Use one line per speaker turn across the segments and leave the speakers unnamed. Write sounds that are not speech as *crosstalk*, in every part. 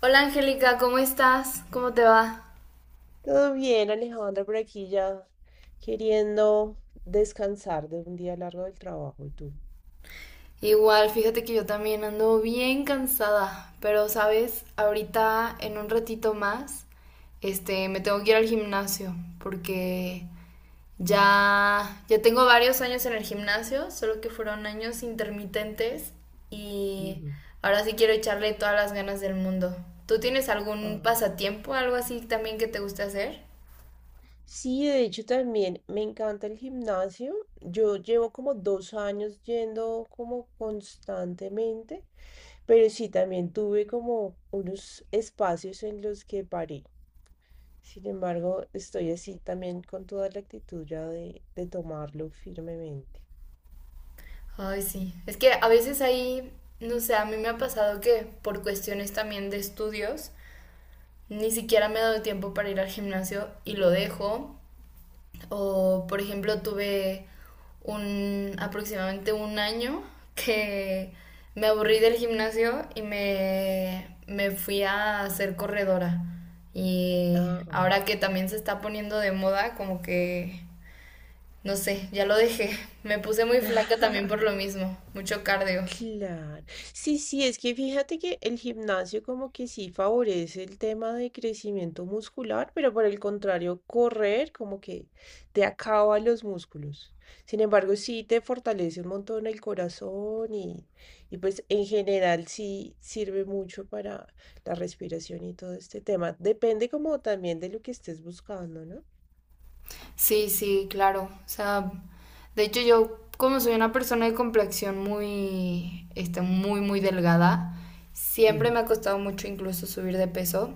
Hola Angélica, ¿cómo estás? ¿Cómo te va?
Todo bien, Alejandra, por aquí ya queriendo descansar de un día largo del trabajo. ¿Y tú?
Igual, fíjate que yo también ando bien cansada, pero sabes, ahorita en un ratito más, me tengo que ir al gimnasio porque ya tengo varios años en el gimnasio, solo que fueron años intermitentes y
Ujú.
ahora sí quiero echarle todas las ganas del mundo. ¿Tú tienes algún
Ah.
pasatiempo, algo así también que te guste hacer?
Sí, de hecho también me encanta el gimnasio. Yo llevo como dos años yendo como constantemente, pero sí también tuve como unos espacios en los que paré. Sin embargo, estoy así también con toda la actitud ya de tomarlo firmemente.
Ay, sí. Es que a veces ahí, no sé, a mí me ha pasado que por cuestiones también de estudios, ni siquiera me he dado tiempo para ir al gimnasio y lo dejo. O, por ejemplo, tuve un aproximadamente un año que me aburrí del gimnasio y me fui a hacer corredora. Y
Ah.
ahora que también se está poniendo de moda, como que, no sé, ya lo dejé. *laughs* Me puse muy flaca también por
*laughs*
lo mismo, mucho cardio.
Claro. Sí, sí, es que fíjate que el gimnasio como que sí favorece el tema de crecimiento muscular, pero por el contrario, correr como que te acaba los músculos. Sin embargo, sí te fortalece un montón el corazón y pues en general sí sirve mucho para la respiración y todo este tema. Depende como también de lo que estés buscando, ¿no?
Sí, sí, claro. O sea, de hecho yo como soy una persona de complexión muy, muy, muy delgada, siempre me
Mm,
ha costado mucho incluso subir de peso.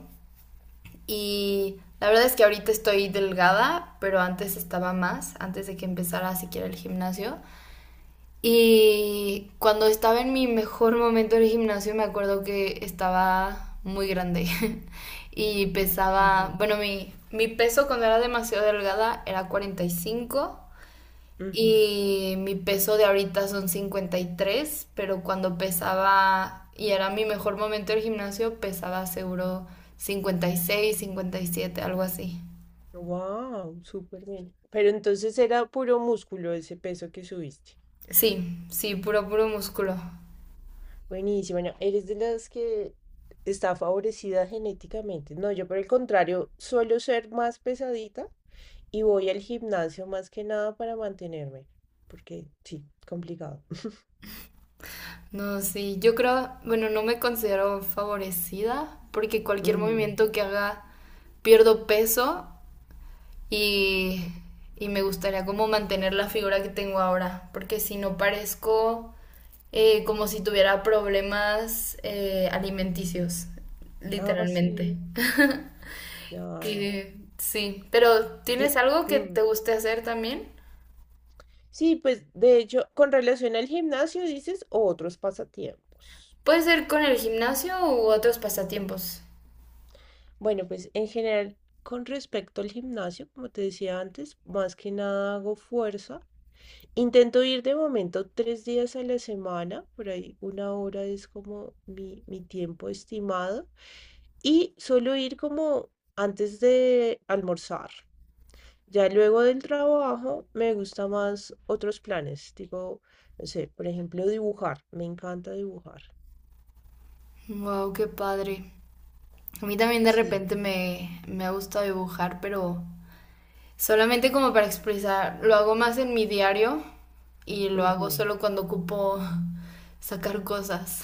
Y la verdad es que ahorita estoy delgada, pero antes estaba más, antes de que empezara siquiera el gimnasio. Y cuando estaba en mi mejor momento del gimnasio me acuerdo que estaba muy grande *laughs* y
ujú,
pesaba, bueno, mi peso cuando era demasiado delgada era 45,
ujú.
y mi peso de ahorita son 53, pero cuando pesaba y era mi mejor momento del gimnasio, pesaba seguro 50, 56, 57, algo así.
Wow, súper bien. Pero entonces era puro músculo ese peso que subiste.
Sí, sí, puro, puro músculo.
Buenísimo. Bueno, eres de las que está favorecida genéticamente. No, yo por el contrario, suelo ser más pesadita y voy al gimnasio más que nada para mantenerme, porque sí, complicado. *laughs*
No, sí, yo creo, bueno, no me considero favorecida porque cualquier
Ujú.
movimiento que haga pierdo peso y, y me gustaría como mantener la figura que tengo ahora, porque si no parezco como si tuviera problemas alimenticios,
Ah,
literalmente.
sí,
*laughs*
ya.
Y, sí, pero ¿tienes
Y,
algo que
ujú.
te guste hacer también?
Sí, pues de hecho, con relación al gimnasio dices otros pasatiempos.
Puede ser con el gimnasio u otros pasatiempos.
Bueno, pues en general, con respecto al gimnasio, como te decía antes, más que nada hago fuerza. Intento ir de momento tres días a la semana, por ahí una hora es como mi tiempo estimado. Y suelo ir como antes de almorzar. Ya luego del trabajo me gusta más otros planes, tipo, no sé, por ejemplo, dibujar. Me encanta dibujar.
Wow, qué padre. A mí también de
Sí.
repente me ha gustado dibujar, pero solamente como para expresar, lo hago más en mi diario y lo hago
Ujú.
solo cuando ocupo sacar cosas.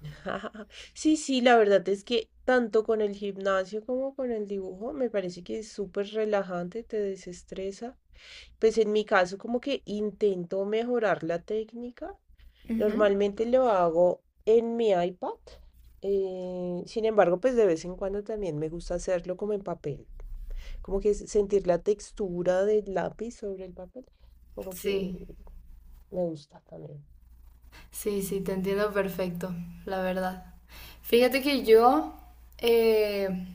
*laughs* Sí, sí, la verdad es que tanto con el gimnasio como con el dibujo me parece que es súper relajante, te desestresa. Pues en mi caso como que intento mejorar la técnica.
*laughs* Ujú.
Normalmente lo hago en mi iPad. Sin embargo, pues de vez en cuando también me gusta hacerlo como en papel. Como que sentir la textura del lápiz sobre el papel. Como que
Sí,
me gusta también.
sí, sí, te entiendo perfecto, la verdad. Fíjate que yo, eh,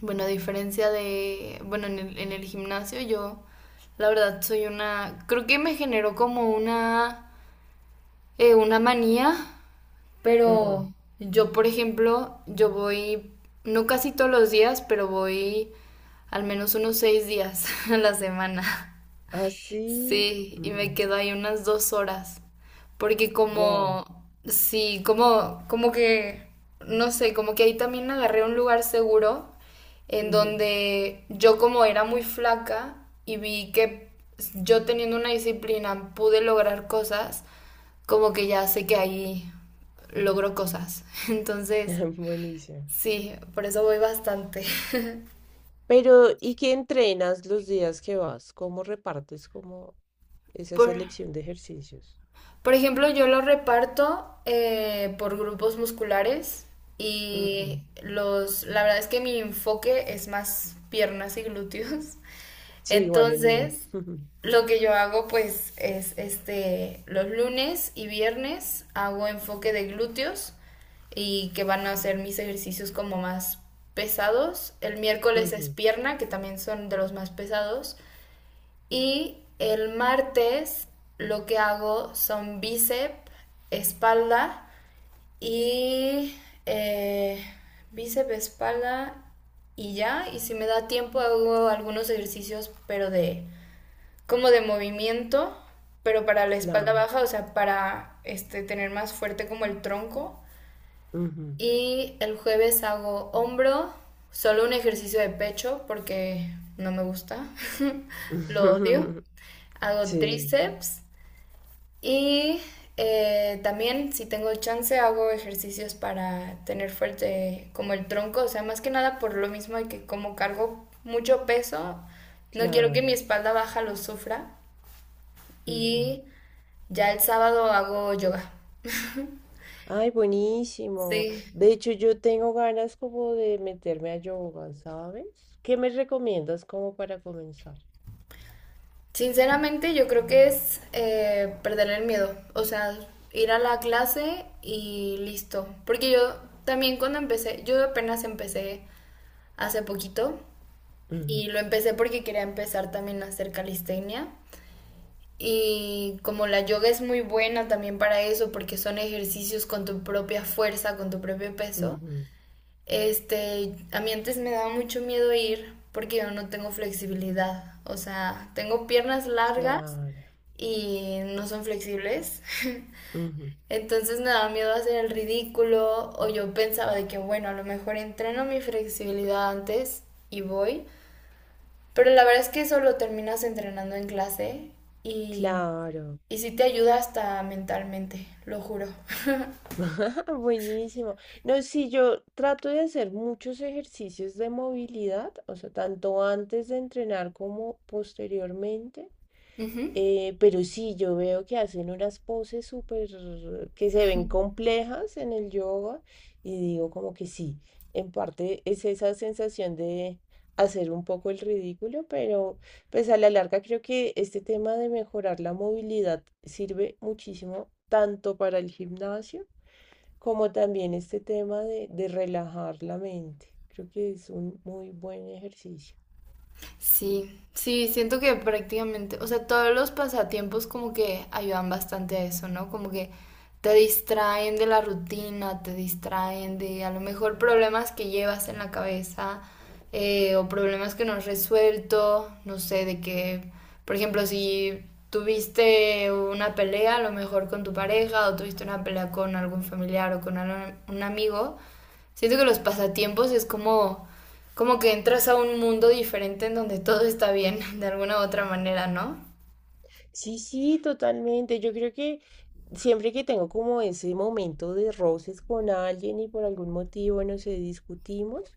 bueno, a diferencia de, bueno, en el gimnasio yo, la verdad, soy una, creo que me generó como una manía.
Ujú.
Pero yo, por ejemplo, yo voy, no casi todos los días, pero voy al menos unos seis días *laughs* a la semana.
Así.
Sí, y me quedo ahí unas dos horas. Porque
Wow.
como, sí, como, como que, no sé, como que ahí también agarré un lugar seguro en
Ujú.
donde yo como era muy flaca y vi que yo teniendo una disciplina pude lograr cosas, como que ya sé que ahí logro cosas. *laughs* Entonces,
*laughs* Buenísimo.
sí, por eso voy bastante.
Pero, ¿y qué entrenas los días que vas? ¿Cómo repartes como
*laughs*
esa
Por...
selección de ejercicios?
Por ejemplo, yo lo reparto por grupos musculares
Ujú.
y los, la verdad es que mi enfoque es más piernas y glúteos. *laughs*
Sí, igual el mío.
Entonces,
*laughs*
lo que yo hago pues es los lunes y viernes hago enfoque de glúteos y que van a ser mis ejercicios como más pesados. El miércoles es
Ujú.
pierna, que también son de los más pesados. Y el martes lo que hago son espalda y eh, bíceps, espalda y ya. Y si me da tiempo hago algunos ejercicios, pero de como de movimiento, pero para la espalda
Claro.
baja, o sea, para tener más fuerte como el tronco.
Ujú.
Y el jueves hago hombro, solo un ejercicio de pecho porque no me gusta, *laughs* lo odio.
*laughs*
Hago
Sí,
tríceps y también si tengo chance hago ejercicios para tener fuerte como el tronco, o sea, más que nada por lo mismo de que como cargo mucho peso, no quiero que mi
claro.
espalda baja lo sufra.
Ujú.
Y ya el sábado hago yoga.
Ay, buenísimo.
Sí,
De hecho, yo tengo ganas como de meterme a yoga, ¿sabes? ¿Qué me recomiendas como para comenzar?
sinceramente, yo creo que es perder el miedo, o sea, ir a la clase y listo. Porque yo también cuando empecé, yo apenas empecé hace poquito
Ujú,
y lo empecé porque quería empezar también a hacer calistenia. Y como la yoga es muy buena también para eso, porque son ejercicios con tu propia fuerza, con tu propio peso,
ujú.
a mí antes me daba mucho miedo ir porque yo no tengo flexibilidad. O sea, tengo piernas largas
Claro.
y no son flexibles. *laughs*
Ujú.
Entonces me daba miedo hacer el ridículo o yo pensaba de que, bueno, a lo mejor entreno mi flexibilidad antes y voy. Pero la verdad es que eso lo terminas entrenando en clase y,
Claro.
y sí te ayuda hasta mentalmente, lo juro.
*laughs* Buenísimo. No, sí, yo trato de hacer muchos ejercicios de movilidad, o sea, tanto antes de entrenar como posteriormente.
*laughs* Ujú.
Pero sí, yo veo que hacen unas poses súper que se ven complejas en el yoga y digo como que sí, en parte es esa sensación de hacer un poco el ridículo, pero pues a la larga creo que este tema de mejorar la movilidad sirve muchísimo tanto para el gimnasio como también este tema de relajar la mente. Creo que es un muy buen ejercicio.
Sí, sí, siento que prácticamente, o sea, todos los pasatiempos como que ayudan bastante a eso, ¿no? Como que te distraen de la rutina, te distraen de a lo mejor problemas que llevas en la cabeza o problemas que no has resuelto, no sé, de que, por ejemplo, si tuviste una pelea a lo mejor con tu pareja o tuviste una pelea con algún familiar o con algún- un amigo, siento que los pasatiempos es como como que entras a un mundo diferente en donde todo está bien, *laughs* de alguna u otra manera, ¿no?
Sí, sí, totalmente. Yo creo que siempre que tengo como ese momento de roces con alguien y por algún motivo, no sé, discutimos.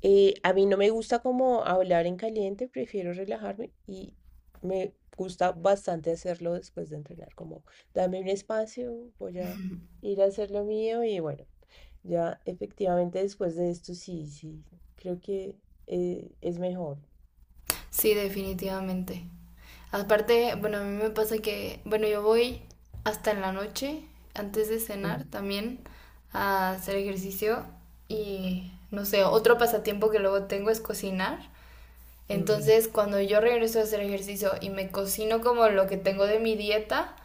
A mí no me gusta como hablar en caliente, prefiero relajarme y me gusta bastante hacerlo después de entrenar, como dame un espacio, voy a ir a hacer lo mío y bueno, ya efectivamente después de esto, sí, sí, creo que es mejor.
Sí, definitivamente. Aparte, bueno, a mí me pasa que, bueno, yo voy hasta en la noche, antes de
Ujú,
cenar también, a hacer ejercicio y, no sé, otro pasatiempo que luego tengo es cocinar.
ujú.
Entonces, cuando yo regreso a hacer ejercicio y me cocino como lo que tengo de mi dieta,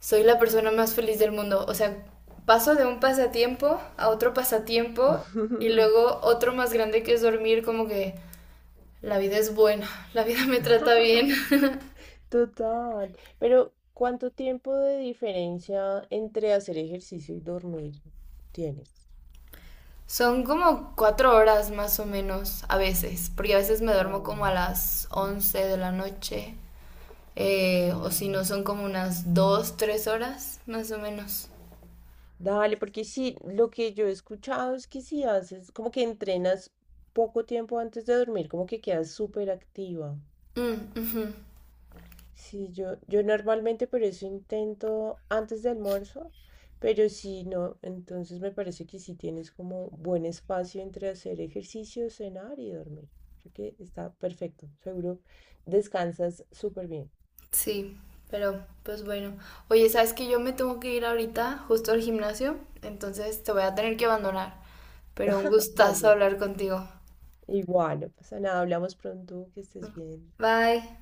soy la persona más feliz del mundo. O sea, paso de un pasatiempo a otro pasatiempo y luego otro más grande que es dormir, como que la vida es buena, *laughs* la vida me trata bien.
*laughs*
*laughs*
Total, pero ¿cuánto tiempo de diferencia entre hacer ejercicio y dormir tienes?
Son como cuatro horas más o menos a veces, porque a veces me duermo
Ah,
como a las 11 de la noche, o si no
claro.
son como unas dos, tres horas más o menos.
Dale, porque sí, lo que yo he escuchado es que si haces, como que entrenas poco tiempo antes de dormir, como que quedas súper activa.
Mm, ujú.
Sí, yo normalmente por eso intento antes del almuerzo, pero si no, entonces me parece que sí tienes como buen espacio entre hacer ejercicio, cenar y dormir. Creo que está perfecto, seguro descansas súper bien.
Sí, pero pues bueno. Oye, sabes que yo me tengo que ir ahorita justo al gimnasio, entonces te voy a tener que abandonar. Pero un
*laughs*
gustazo
Dale,
hablar contigo.
igual, no pasa nada, hablamos pronto, que estés bien.
Bye.